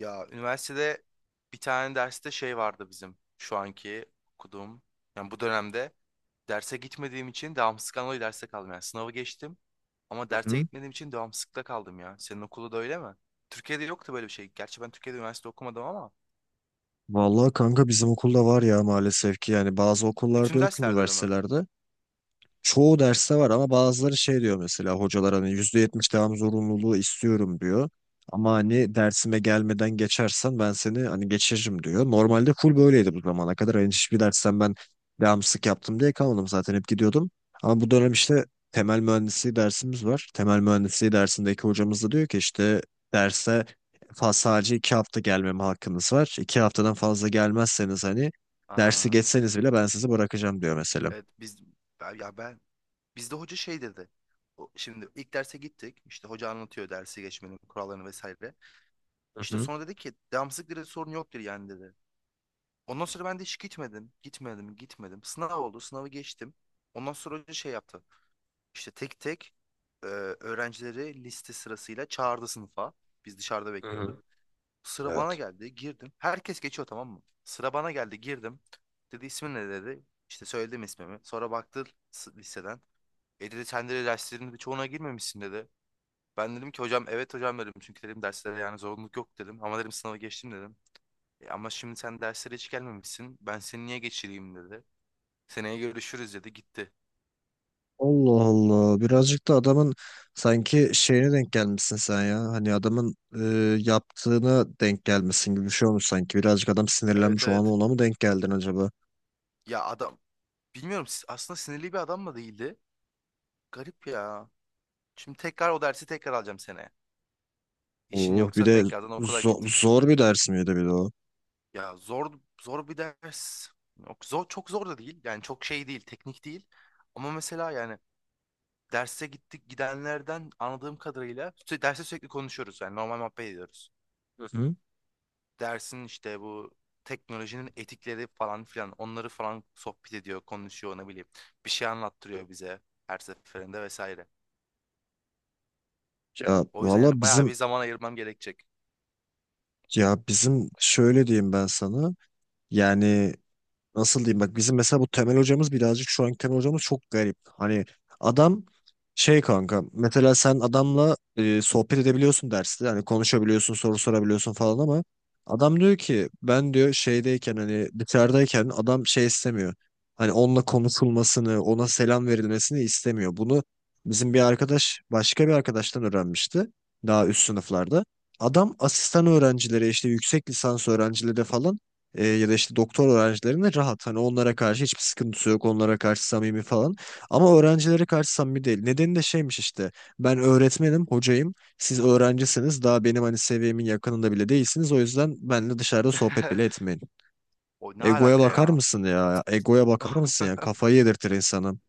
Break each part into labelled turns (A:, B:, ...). A: Ya üniversitede bir tane derste şey vardı bizim şu anki okuduğum. Yani bu dönemde derse gitmediğim için devamsızlıktan dolayı derste kaldım. Yani sınavı geçtim ama derse
B: Hı.
A: gitmediğim için devamsızlıkta kaldım ya. Senin okulda da öyle mi? Türkiye'de yoktu böyle bir şey. Gerçi ben Türkiye'de üniversite okumadım ama
B: Vallahi kanka bizim okulda var ya, maalesef ki. Yani bazı okullarda
A: bütün
B: yok,
A: derslerde de mi?
B: üniversitelerde. Çoğu derste var ama bazıları şey diyor, mesela hocalar hani %70 devam zorunluluğu istiyorum diyor. Ama hani dersime gelmeden geçersen ben seni hani geçiririm diyor. Normalde full böyleydi bu zamana kadar. Hani hiçbir dersten ben devamsızlık yaptım diye kalmadım, zaten hep gidiyordum. Ama bu dönem işte temel mühendisliği dersimiz var. Temel mühendisliği dersindeki hocamız da diyor ki işte derse sadece iki hafta gelmeme hakkınız var. İki haftadan fazla gelmezseniz hani dersi
A: Aa,
B: geçseniz bile ben sizi bırakacağım diyor mesela.
A: evet biz ben bizde hoca şey dedi. Şimdi ilk derse gittik. İşte hoca anlatıyor dersi geçmenin kurallarını vesaire.
B: Hı
A: İşte
B: hı.
A: sonra dedi ki devamsızlık dedi sorun yok dedi yani dedi. Ondan sonra ben de hiç gitmedim. Gitmedim, gitmedim. Sınav oldu, sınavı geçtim. Ondan sonra hoca şey yaptı. İşte tek tek e, öğrencileri liste sırasıyla çağırdı sınıfa. Biz dışarıda
B: Hı
A: bekliyorduk.
B: hı.
A: Sıra bana
B: Evet.
A: geldi, girdim. Herkes geçiyor tamam mı? Sıra bana geldi, girdim. Dedi ismin ne dedi. İşte söyledim ismimi. Sonra baktı listeden. E dedi sen de derslerinin birçoğuna girmemişsin dedi. Ben dedim ki hocam evet hocam dedim. Çünkü dedim derslere yani zorunluluk yok dedim. Ama dedim sınava geçtim dedim. E ama şimdi sen derslere hiç gelmemişsin. Ben seni niye geçireyim dedi. Seneye görüşürüz dedi gitti.
B: Allah Allah. Birazcık da adamın sanki şeyine denk gelmişsin sen ya. Hani adamın yaptığına denk gelmesin gibi bir şey olmuş sanki. Birazcık adam
A: Evet
B: sinirlenmiş o an,
A: evet.
B: ona mı denk geldin acaba?
A: Ya adam bilmiyorum aslında sinirli bir adam mı değildi? Garip ya. Şimdi tekrar o dersi tekrar alacağım seneye. İşin
B: Oh, bir
A: yoksa
B: de
A: tekrardan okula git.
B: zor bir ders miydi bir de o?
A: Ya zor zor bir ders. Yok, zor, çok zor da değil. Yani çok şey değil, teknik değil. Ama mesela yani derse gittik gidenlerden anladığım kadarıyla derste sürekli konuşuyoruz. Yani normal muhabbet ediyoruz.
B: Hı hı.
A: Dersin işte bu teknolojinin etikleri falan filan onları falan sohbet ediyor, konuşuyor ne bileyim. Bir şey anlattırıyor bize her seferinde vesaire.
B: Ya
A: O yüzden
B: valla
A: yani bayağı
B: bizim,
A: bir zaman ayırmam gerekecek.
B: ya bizim şöyle diyeyim ben sana. Yani nasıl diyeyim, bak bizim mesela bu temel hocamız birazcık, şu anki temel hocamız çok garip. Hani adam şey kanka, mesela sen adamla sohbet edebiliyorsun derste, hani konuşabiliyorsun, soru sorabiliyorsun falan, ama adam diyor ki ben diyor şeydeyken, hani dışarıdayken adam şey istemiyor. Hani onunla konuşulmasını, ona selam verilmesini istemiyor. Bunu bizim bir arkadaş başka bir arkadaştan öğrenmişti, daha üst sınıflarda. Adam asistan öğrencilere, işte yüksek lisans öğrencilere falan, ya da işte doktor öğrencilerine rahat. Hani onlara karşı hiçbir sıkıntısı yok. Onlara karşı samimi falan. Ama öğrencilere karşı samimi değil. Nedeni de şeymiş işte. Ben öğretmenim, hocayım. Siz öğrencisiniz. Daha benim hani seviyemin yakınında bile değilsiniz. O yüzden benimle dışarıda sohbet bile etmeyin.
A: O ne
B: Egoya
A: alaka
B: bakar
A: ya?
B: mısın ya? Egoya bakar mısın ya? Kafayı yedirtir insanın.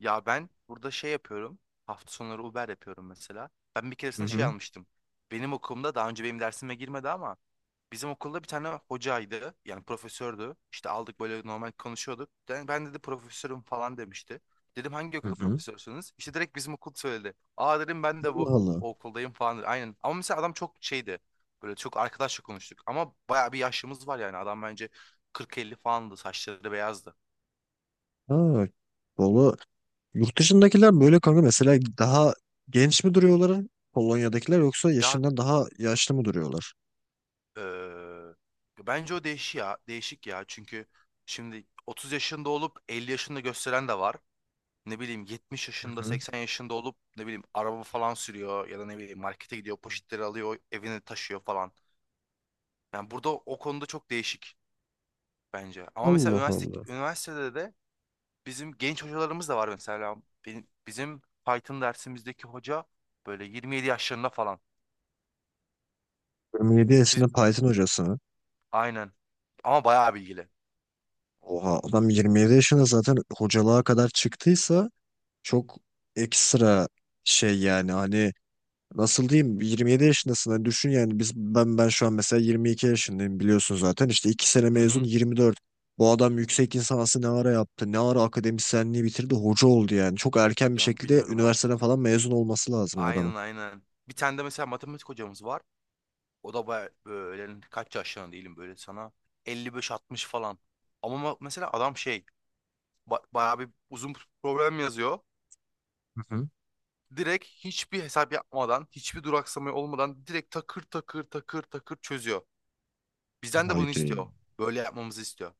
A: Ya ben burada şey yapıyorum. Hafta sonları Uber yapıyorum mesela. Ben bir
B: Hı
A: keresinde şey
B: hı.
A: almıştım. Benim okulumda daha önce benim dersime girmedi ama bizim okulda bir tane hocaydı. Yani profesördü. İşte aldık böyle normal konuşuyorduk. Ben dedi profesörüm falan demişti. Dedim hangi
B: Hı
A: okulda
B: hı.
A: profesörsünüz? İşte direkt bizim okul söyledi. Aa dedim ben de
B: Allah
A: bu
B: Allah.
A: okuldayım falan. Aynen. Ama mesela adam çok şeydi. Böyle çok arkadaşça konuştuk. Ama bayağı bir yaşımız var yani. Adam bence 40-50 falandı. Saçları beyazdı.
B: Ha. Valla yurt dışındakiler böyle kanka, mesela daha genç mi duruyorlar Polonya'dakiler, yoksa
A: Ya
B: yaşından daha yaşlı mı duruyorlar?
A: eee, bence o değişik ya. Değişik ya. Çünkü şimdi 30 yaşında olup 50 yaşında gösteren de var. Ne bileyim 70
B: Hı
A: yaşında
B: hı.
A: 80 yaşında olup ne bileyim araba falan sürüyor ya da ne bileyim markete gidiyor poşetleri alıyor evine taşıyor falan. Yani burada o konuda çok değişik bence. Ama mesela
B: Allah Allah.
A: üniversitede de bizim genç hocalarımız da var mesela. Bizim Python dersimizdeki hoca böyle 27 yaşlarında falan.
B: 27
A: Biz,
B: yaşında Python hocası mı?
A: aynen. Ama bayağı bilgili.
B: Oha, adam 27 yaşında zaten hocalığa kadar çıktıysa çok ekstra şey, yani hani nasıl diyeyim, 27 yaşındasın hani, düşün yani biz, ben şu an mesela 22 yaşındayım, biliyorsun zaten, işte 2 sene
A: Hı
B: mezun,
A: hı.
B: 24. Bu adam yüksek lisansı ne ara yaptı, ne ara akademisyenliği bitirdi, hoca oldu? Yani çok erken bir
A: Yani
B: şekilde
A: bilmiyorum
B: üniversiteden
A: artık.
B: falan mezun olması lazım o adamın.
A: Aynen aynen. Bir tane de mesela matematik hocamız var. O da böyle kaç yaşlarında değilim böyle sana 55 60 falan. Ama mesela adam şey bayağı bir uzun problem yazıyor.
B: Hı hı.
A: Direkt hiçbir hesap yapmadan, hiçbir duraksama olmadan direkt takır takır takır takır çözüyor. Bizden de bunu
B: Haydi.
A: istiyor. Böyle yapmamızı istiyor.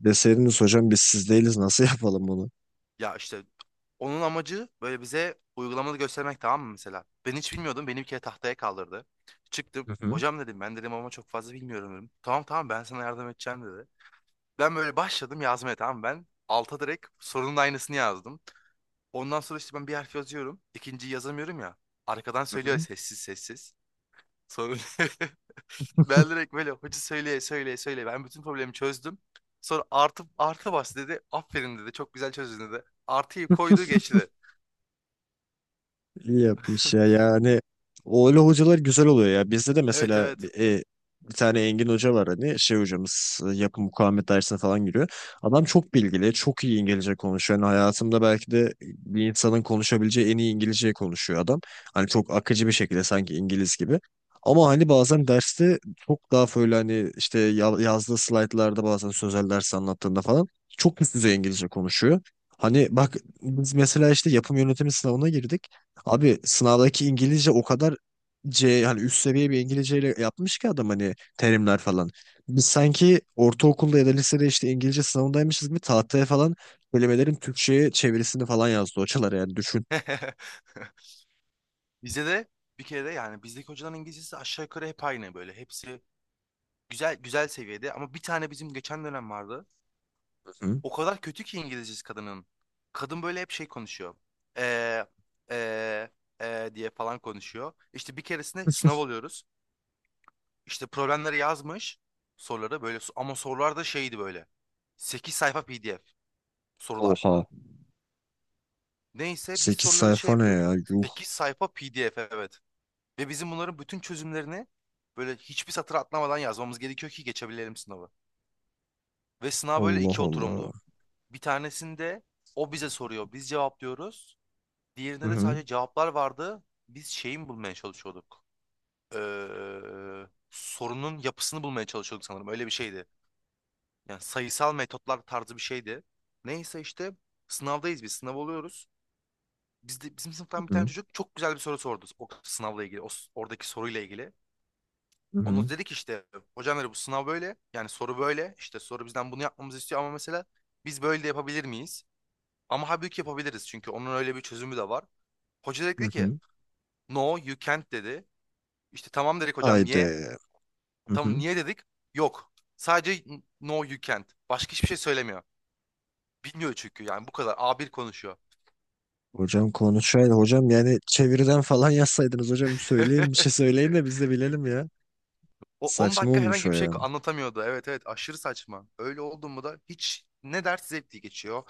B: Deseydiniz hocam biz siz değiliz, nasıl yapalım bunu?
A: Ya işte onun amacı böyle bize uygulamalı göstermek tamam mı mesela? Ben hiç bilmiyordum. Beni bir kere tahtaya kaldırdı. Çıktım.
B: Hı hı.
A: Hocam dedim ben dedim ama çok fazla bilmiyorum dedim. Tamam tamam ben sana yardım edeceğim dedi. Ben böyle başladım yazmaya tamam mı? Ben. Alta direkt sorunun aynısını yazdım. Ondan sonra işte ben bir harf yazıyorum. İkinciyi yazamıyorum ya. Arkadan
B: Hı
A: söylüyor
B: hı.
A: sessiz sessiz. Sonra ben direkt böyle hoca söyleye söyleye söyleye. Ben bütün problemi çözdüm. Sonra artı bas dedi. Aferin dedi. Çok güzel çözdün dedi. Artıyı koydu geçti.
B: İyi yapmış ya yani, o öyle hocalar güzel oluyor ya. Bizde de
A: Evet
B: mesela
A: evet.
B: bir tane Engin Hoca var, hani şey hocamız, yapı mukavemet dersine falan giriyor, adam çok bilgili, çok iyi İngilizce konuşuyor. Yani hayatımda belki de bir insanın konuşabileceği en iyi İngilizceyi konuşuyor adam, hani çok akıcı bir şekilde sanki İngiliz gibi. Ama hani bazen derste çok daha böyle hani işte yazdığı slaytlarda, bazen sözel ders anlattığında falan çok üst düzey İngilizce konuşuyor. Hani bak, biz mesela işte yapım yönetimi sınavına girdik. Abi sınavdaki İngilizce o kadar C, hani üst seviye bir İngilizceyle yapmış ki adam, hani terimler falan. Biz sanki ortaokulda ya da lisede işte İngilizce sınavındaymışız gibi tahtaya falan kelimelerin Türkçe'ye çevirisini falan yazdı hocalar, yani düşün.
A: Bize de bir kere de yani bizdeki hocaların İngilizcesi aşağı yukarı hep aynı böyle. Hepsi güzel güzel seviyede ama bir tane bizim geçen dönem vardı.
B: Hı.
A: O kadar kötü ki İngilizcesi kadının. Kadın böyle hep şey konuşuyor. Ee, ee, ee diye falan konuşuyor. İşte bir keresinde sınav oluyoruz. İşte problemleri yazmış. Soruları böyle ama sorular da şeydi böyle. 8 sayfa PDF sorular.
B: Oha.
A: Neyse biz
B: Sekiz
A: soruları şey
B: sayfa ne
A: yapıyoruz.
B: ya? Yuh.
A: 8 sayfa PDF evet. Ve bizim bunların bütün çözümlerini böyle hiçbir satır atlamadan yazmamız gerekiyor ki geçebilelim sınavı. Ve sınav böyle
B: Allah
A: iki
B: Allah.
A: oturumdu. Bir tanesinde o bize soruyor. Biz cevaplıyoruz.
B: Hı
A: Diğerinde de
B: hı.
A: sadece cevaplar vardı. Biz şeyin bulmaya çalışıyorduk. Sorunun yapısını bulmaya çalışıyorduk sanırım. Öyle bir şeydi. Yani sayısal metotlar tarzı bir şeydi. Neyse işte sınavdayız biz. Sınav oluyoruz. Bizim
B: Hı
A: sınıftan bir tane
B: hı.
A: çocuk çok güzel bir soru sordu. O sınavla ilgili, oradaki soruyla ilgili.
B: Hı
A: Onu
B: hı.
A: dedik işte hocam dedi bu sınav böyle. Yani soru böyle. İşte soru bizden bunu yapmamızı istiyor ama mesela biz böyle de yapabilir miyiz? Ama halbuki yapabiliriz çünkü onun öyle bir çözümü de var. Hoca dedi ki
B: Hı.
A: no you can't dedi. İşte tamam dedik hocam
B: Haydi.
A: niye?
B: Hı
A: Tamam
B: hı.
A: niye dedik? Yok. Sadece no you can't. Başka hiçbir şey söylemiyor. Bilmiyor çünkü yani bu kadar A1 konuşuyor.
B: Hocam konuşaydı. Hocam yani çeviriden falan yazsaydınız, hocam söyleyin bir şey, söyleyin de biz de bilelim ya.
A: O 10
B: Saçma
A: dakika
B: olmuş
A: herhangi
B: o
A: bir şey
B: ya.
A: anlatamıyordu. Evet evet aşırı saçma. Öyle oldu mu da hiç ne ders zevkli geçiyor.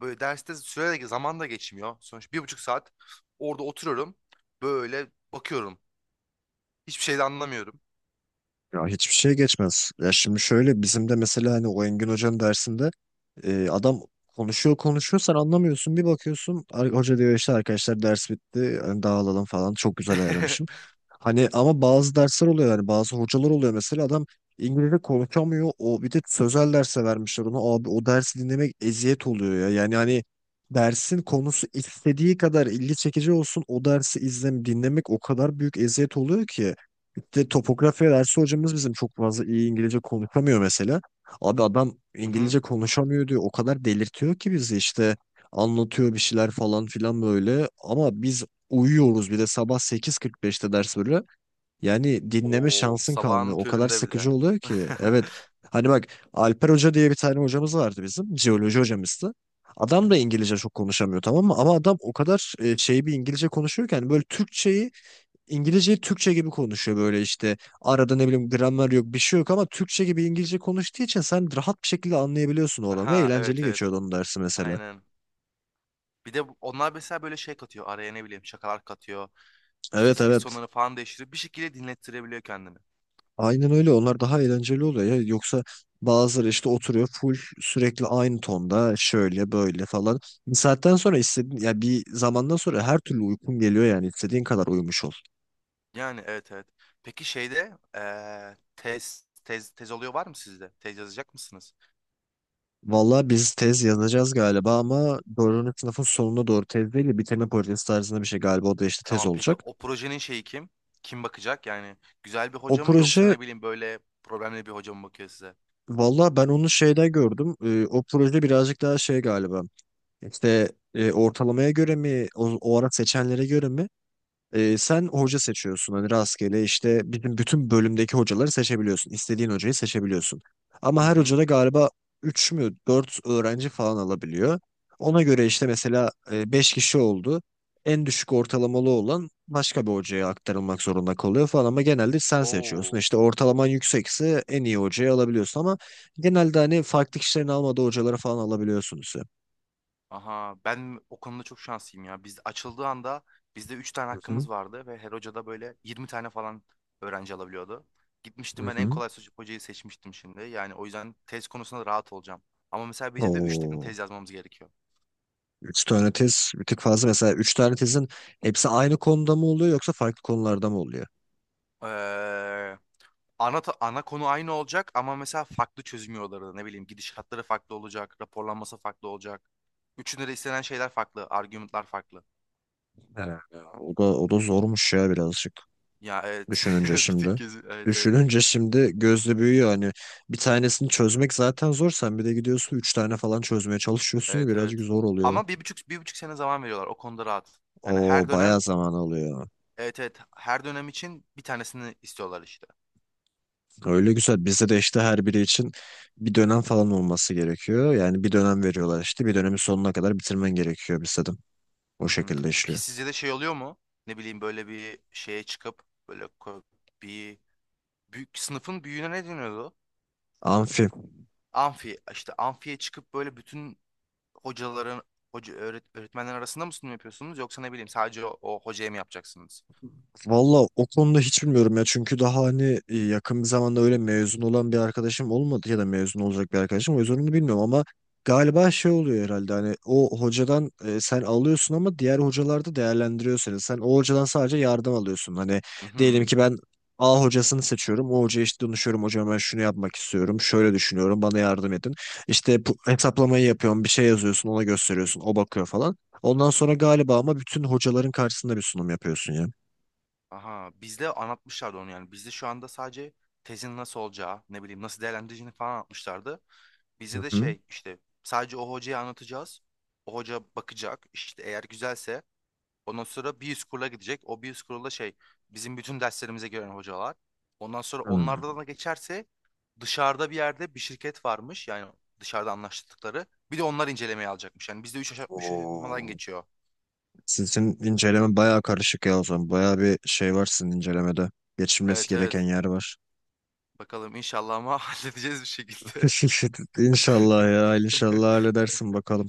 A: Böyle derste süre de zaman da geçmiyor. Sonuç 1,5 saat orada oturuyorum. Böyle bakıyorum. Hiçbir şey de anlamıyorum.
B: Ya hiçbir şey geçmez. Ya şimdi şöyle, bizim de mesela hani o Engin Hoca'nın dersinde adam konuşuyor konuşuyor, sen anlamıyorsun. Bir bakıyorsun hoca diyor işte arkadaşlar ders bitti hani dağılalım falan, çok güzel ayarlamışım. Hani ama bazı dersler oluyor, yani bazı hocalar oluyor mesela, adam İngilizce konuşamıyor. O bir de sözel derse vermişler ona. Abi o dersi dinlemek eziyet oluyor ya. Yani hani dersin konusu istediği kadar ilgi çekici olsun, o dersi izlem dinlemek o kadar büyük eziyet oluyor ki, de topografya dersi hocamız bizim çok fazla iyi İngilizce konuşamıyor mesela. Abi adam
A: Hı hı.
B: İngilizce konuşamıyor diyor. O kadar delirtiyor ki bizi, işte anlatıyor bir şeyler falan filan böyle. Ama biz uyuyoruz, bir de sabah 8.45'te ders böyle. Yani dinleme
A: Oo,
B: şansın kalmıyor.
A: sabahın
B: O kadar
A: köründe bir
B: sıkıcı
A: de.
B: oluyor ki. Evet. Hani bak, Alper Hoca diye bir tane hocamız vardı bizim. Jeoloji hocamızdı. Adam da İngilizce çok konuşamıyor, tamam mı? Ama adam o kadar şey bir İngilizce konuşuyor ki, hani böyle Türkçeyi, İngilizceyi Türkçe gibi konuşuyor böyle işte. Arada ne bileyim gramer yok, bir şey yok, ama Türkçe gibi İngilizce konuştuğu için sen rahat bir şekilde anlayabiliyorsun o adamı ve
A: Aha
B: eğlenceli
A: evet
B: geçiyor
A: evet.
B: onun dersi mesela.
A: Aynen. Bir de onlar mesela böyle şey katıyor. Araya ne bileyim şakalar katıyor. İşte
B: Evet
A: ses
B: evet.
A: tonları falan değiştirip bir şekilde dinlettirebiliyor kendini.
B: Aynen öyle, onlar daha eğlenceli oluyor ya. Yoksa bazıları işte oturuyor full sürekli aynı tonda, şöyle böyle falan. Bir saatten sonra istediğin, ya bir zamandan sonra her türlü uykun geliyor, yani istediğin kadar uyumuş ol.
A: Yani evet evet. Peki şeyde tez oluyor var mı sizde? Tez yazacak mısınız?
B: Valla biz tez yazacağız galiba, ama dördüncü sınıfın sonuna doğru, tez değil de bitirme projesi tarzında bir şey galiba, o da işte tez
A: Tamam peki
B: olacak.
A: o projenin şeyi kim? Kim bakacak? Yani güzel bir
B: O
A: hoca mı yoksa
B: proje,
A: ne bileyim böyle problemli bir hoca mı bakıyor size?
B: valla ben onu şeyde gördüm. O proje birazcık daha şey galiba. İşte ortalamaya göre mi, o, o ara seçenlere göre mi. Sen hoca seçiyorsun hani, rastgele işte bizim bütün bölümdeki hocaları seçebiliyorsun. İstediğin hocayı seçebiliyorsun. Ama
A: Hı
B: her hoca
A: hı.
B: da galiba 3 mü 4 öğrenci falan alabiliyor. Ona göre işte, mesela 5 kişi oldu. En düşük ortalamalı olan başka bir hocaya aktarılmak zorunda kalıyor falan, ama genelde sen seçiyorsun.
A: Oo.
B: İşte ortalaman yüksekse en iyi hocayı alabiliyorsun, ama genelde hani farklı kişilerin almadığı hocaları falan alabiliyorsunuz.
A: Aha ben o konuda çok şanslıyım ya. Biz açıldığı anda bizde 3 tane
B: Hı hı.
A: hakkımız vardı ve her hoca da böyle 20 tane falan öğrenci alabiliyordu.
B: Hı
A: Gitmiştim ben en
B: hı.
A: kolay hocayı seçmiştim şimdi. Yani o yüzden tez konusunda rahat olacağım. Ama mesela bizde de 3 tane
B: Oo.
A: tez yazmamız gerekiyor.
B: Üç tane tez bir tık fazla. Mesela üç tane tezin hepsi aynı konuda mı oluyor, yoksa farklı konularda mı oluyor?
A: Ee, ana konu aynı olacak ama mesela farklı çözüm yolları ne bileyim gidişatları farklı olacak, raporlanması farklı olacak. Üçünde de istenen şeyler farklı, argümanlar farklı.
B: Evet. O da, o da zormuş ya birazcık.
A: Ya evet
B: Düşününce
A: bir tık
B: şimdi.
A: gözü evet evet.
B: Düşününce şimdi gözle büyüyor. Hani bir tanesini çözmek zaten zor. Sen bir de gidiyorsun üç tane falan çözmeye çalışıyorsun ya,
A: Evet
B: birazcık
A: evet.
B: zor oluyor.
A: Ama 1,5 sene zaman veriyorlar. O konuda rahat. Yani
B: O
A: her
B: bayağı
A: dönem
B: zaman alıyor.
A: evet evet her dönem için bir tanesini istiyorlar işte.
B: Öyle güzel. Bizde de işte her biri için bir dönem falan olması gerekiyor. Yani bir dönem veriyorlar işte. Bir dönemin sonuna kadar bitirmen gerekiyor bizde de. O
A: Hı hı.
B: şekilde
A: Peki
B: işliyor.
A: sizce de şey oluyor mu? Ne bileyim böyle bir şeye çıkıp böyle ko- bir büyük sınıfın büyüğüne ne deniyordu?
B: Amfi.
A: Amfi işte amfiye çıkıp böyle bütün hocaların öğretmenler arasında mı sunum yapıyorsunuz yoksa ne bileyim sadece o hocaya mı yapacaksınız?
B: Valla o konuda hiç bilmiyorum ya, çünkü daha hani yakın bir zamanda öyle mezun olan bir arkadaşım olmadı ya da mezun olacak bir arkadaşım, o yüzden onu bilmiyorum. Ama galiba şey oluyor herhalde, hani o hocadan sen alıyorsun ama diğer hocalarda değerlendiriyor seni. Sen o hocadan sadece yardım alıyorsun, hani
A: Hı
B: diyelim
A: hı.
B: ki ben A hocasını seçiyorum, o hocaya işte danışıyorum, hocam ben şunu yapmak istiyorum, şöyle düşünüyorum, bana yardım edin, işte hesaplamayı yapıyorum, bir şey yazıyorsun, ona gösteriyorsun, o bakıyor falan. Ondan sonra galiba ama bütün hocaların karşısında bir sunum yapıyorsun ya.
A: Aha bizde anlatmışlardı onu yani. Bizde şu anda sadece tezin nasıl olacağı, ne bileyim nasıl değerlendireceğini falan anlatmışlardı.
B: Hı
A: Bize de
B: hı.
A: şey işte sadece o hocaya anlatacağız. O hoca bakacak işte eğer güzelse ondan sonra bir üst kurula gidecek. O bir üst kurulda şey bizim bütün derslerimize gören hocalar. Ondan sonra
B: Hmm.
A: onlardan da geçerse dışarıda bir yerde bir şirket varmış yani dışarıda anlaştıkları. Bir de onlar incelemeye alacakmış. Yani bizde 3 aşamadan
B: Oo.
A: geçiyor.
B: Sizin inceleme bayağı karışık ya o zaman. Bayağı bir şey var sizin incelemede. Geçilmesi
A: Evet
B: gereken
A: evet.
B: yer var.
A: Bakalım inşallah ama halledeceğiz bir şekilde.
B: İnşallah ya. İnşallah halledersin bakalım.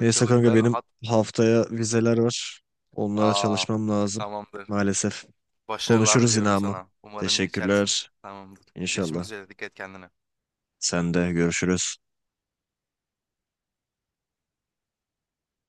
B: Neyse kanka,
A: ben
B: benim
A: hat...
B: haftaya vizeler var. Onlara
A: Aa,
B: çalışmam lazım.
A: tamamdır.
B: Maalesef.
A: Başarılar
B: Konuşuruz yine
A: diliyorum
B: ama.
A: sana. Umarım geçersin.
B: Teşekkürler.
A: Tamamdır. Görüşmek
B: İnşallah.
A: üzere. Dikkat et kendine.
B: Sen de görüşürüz.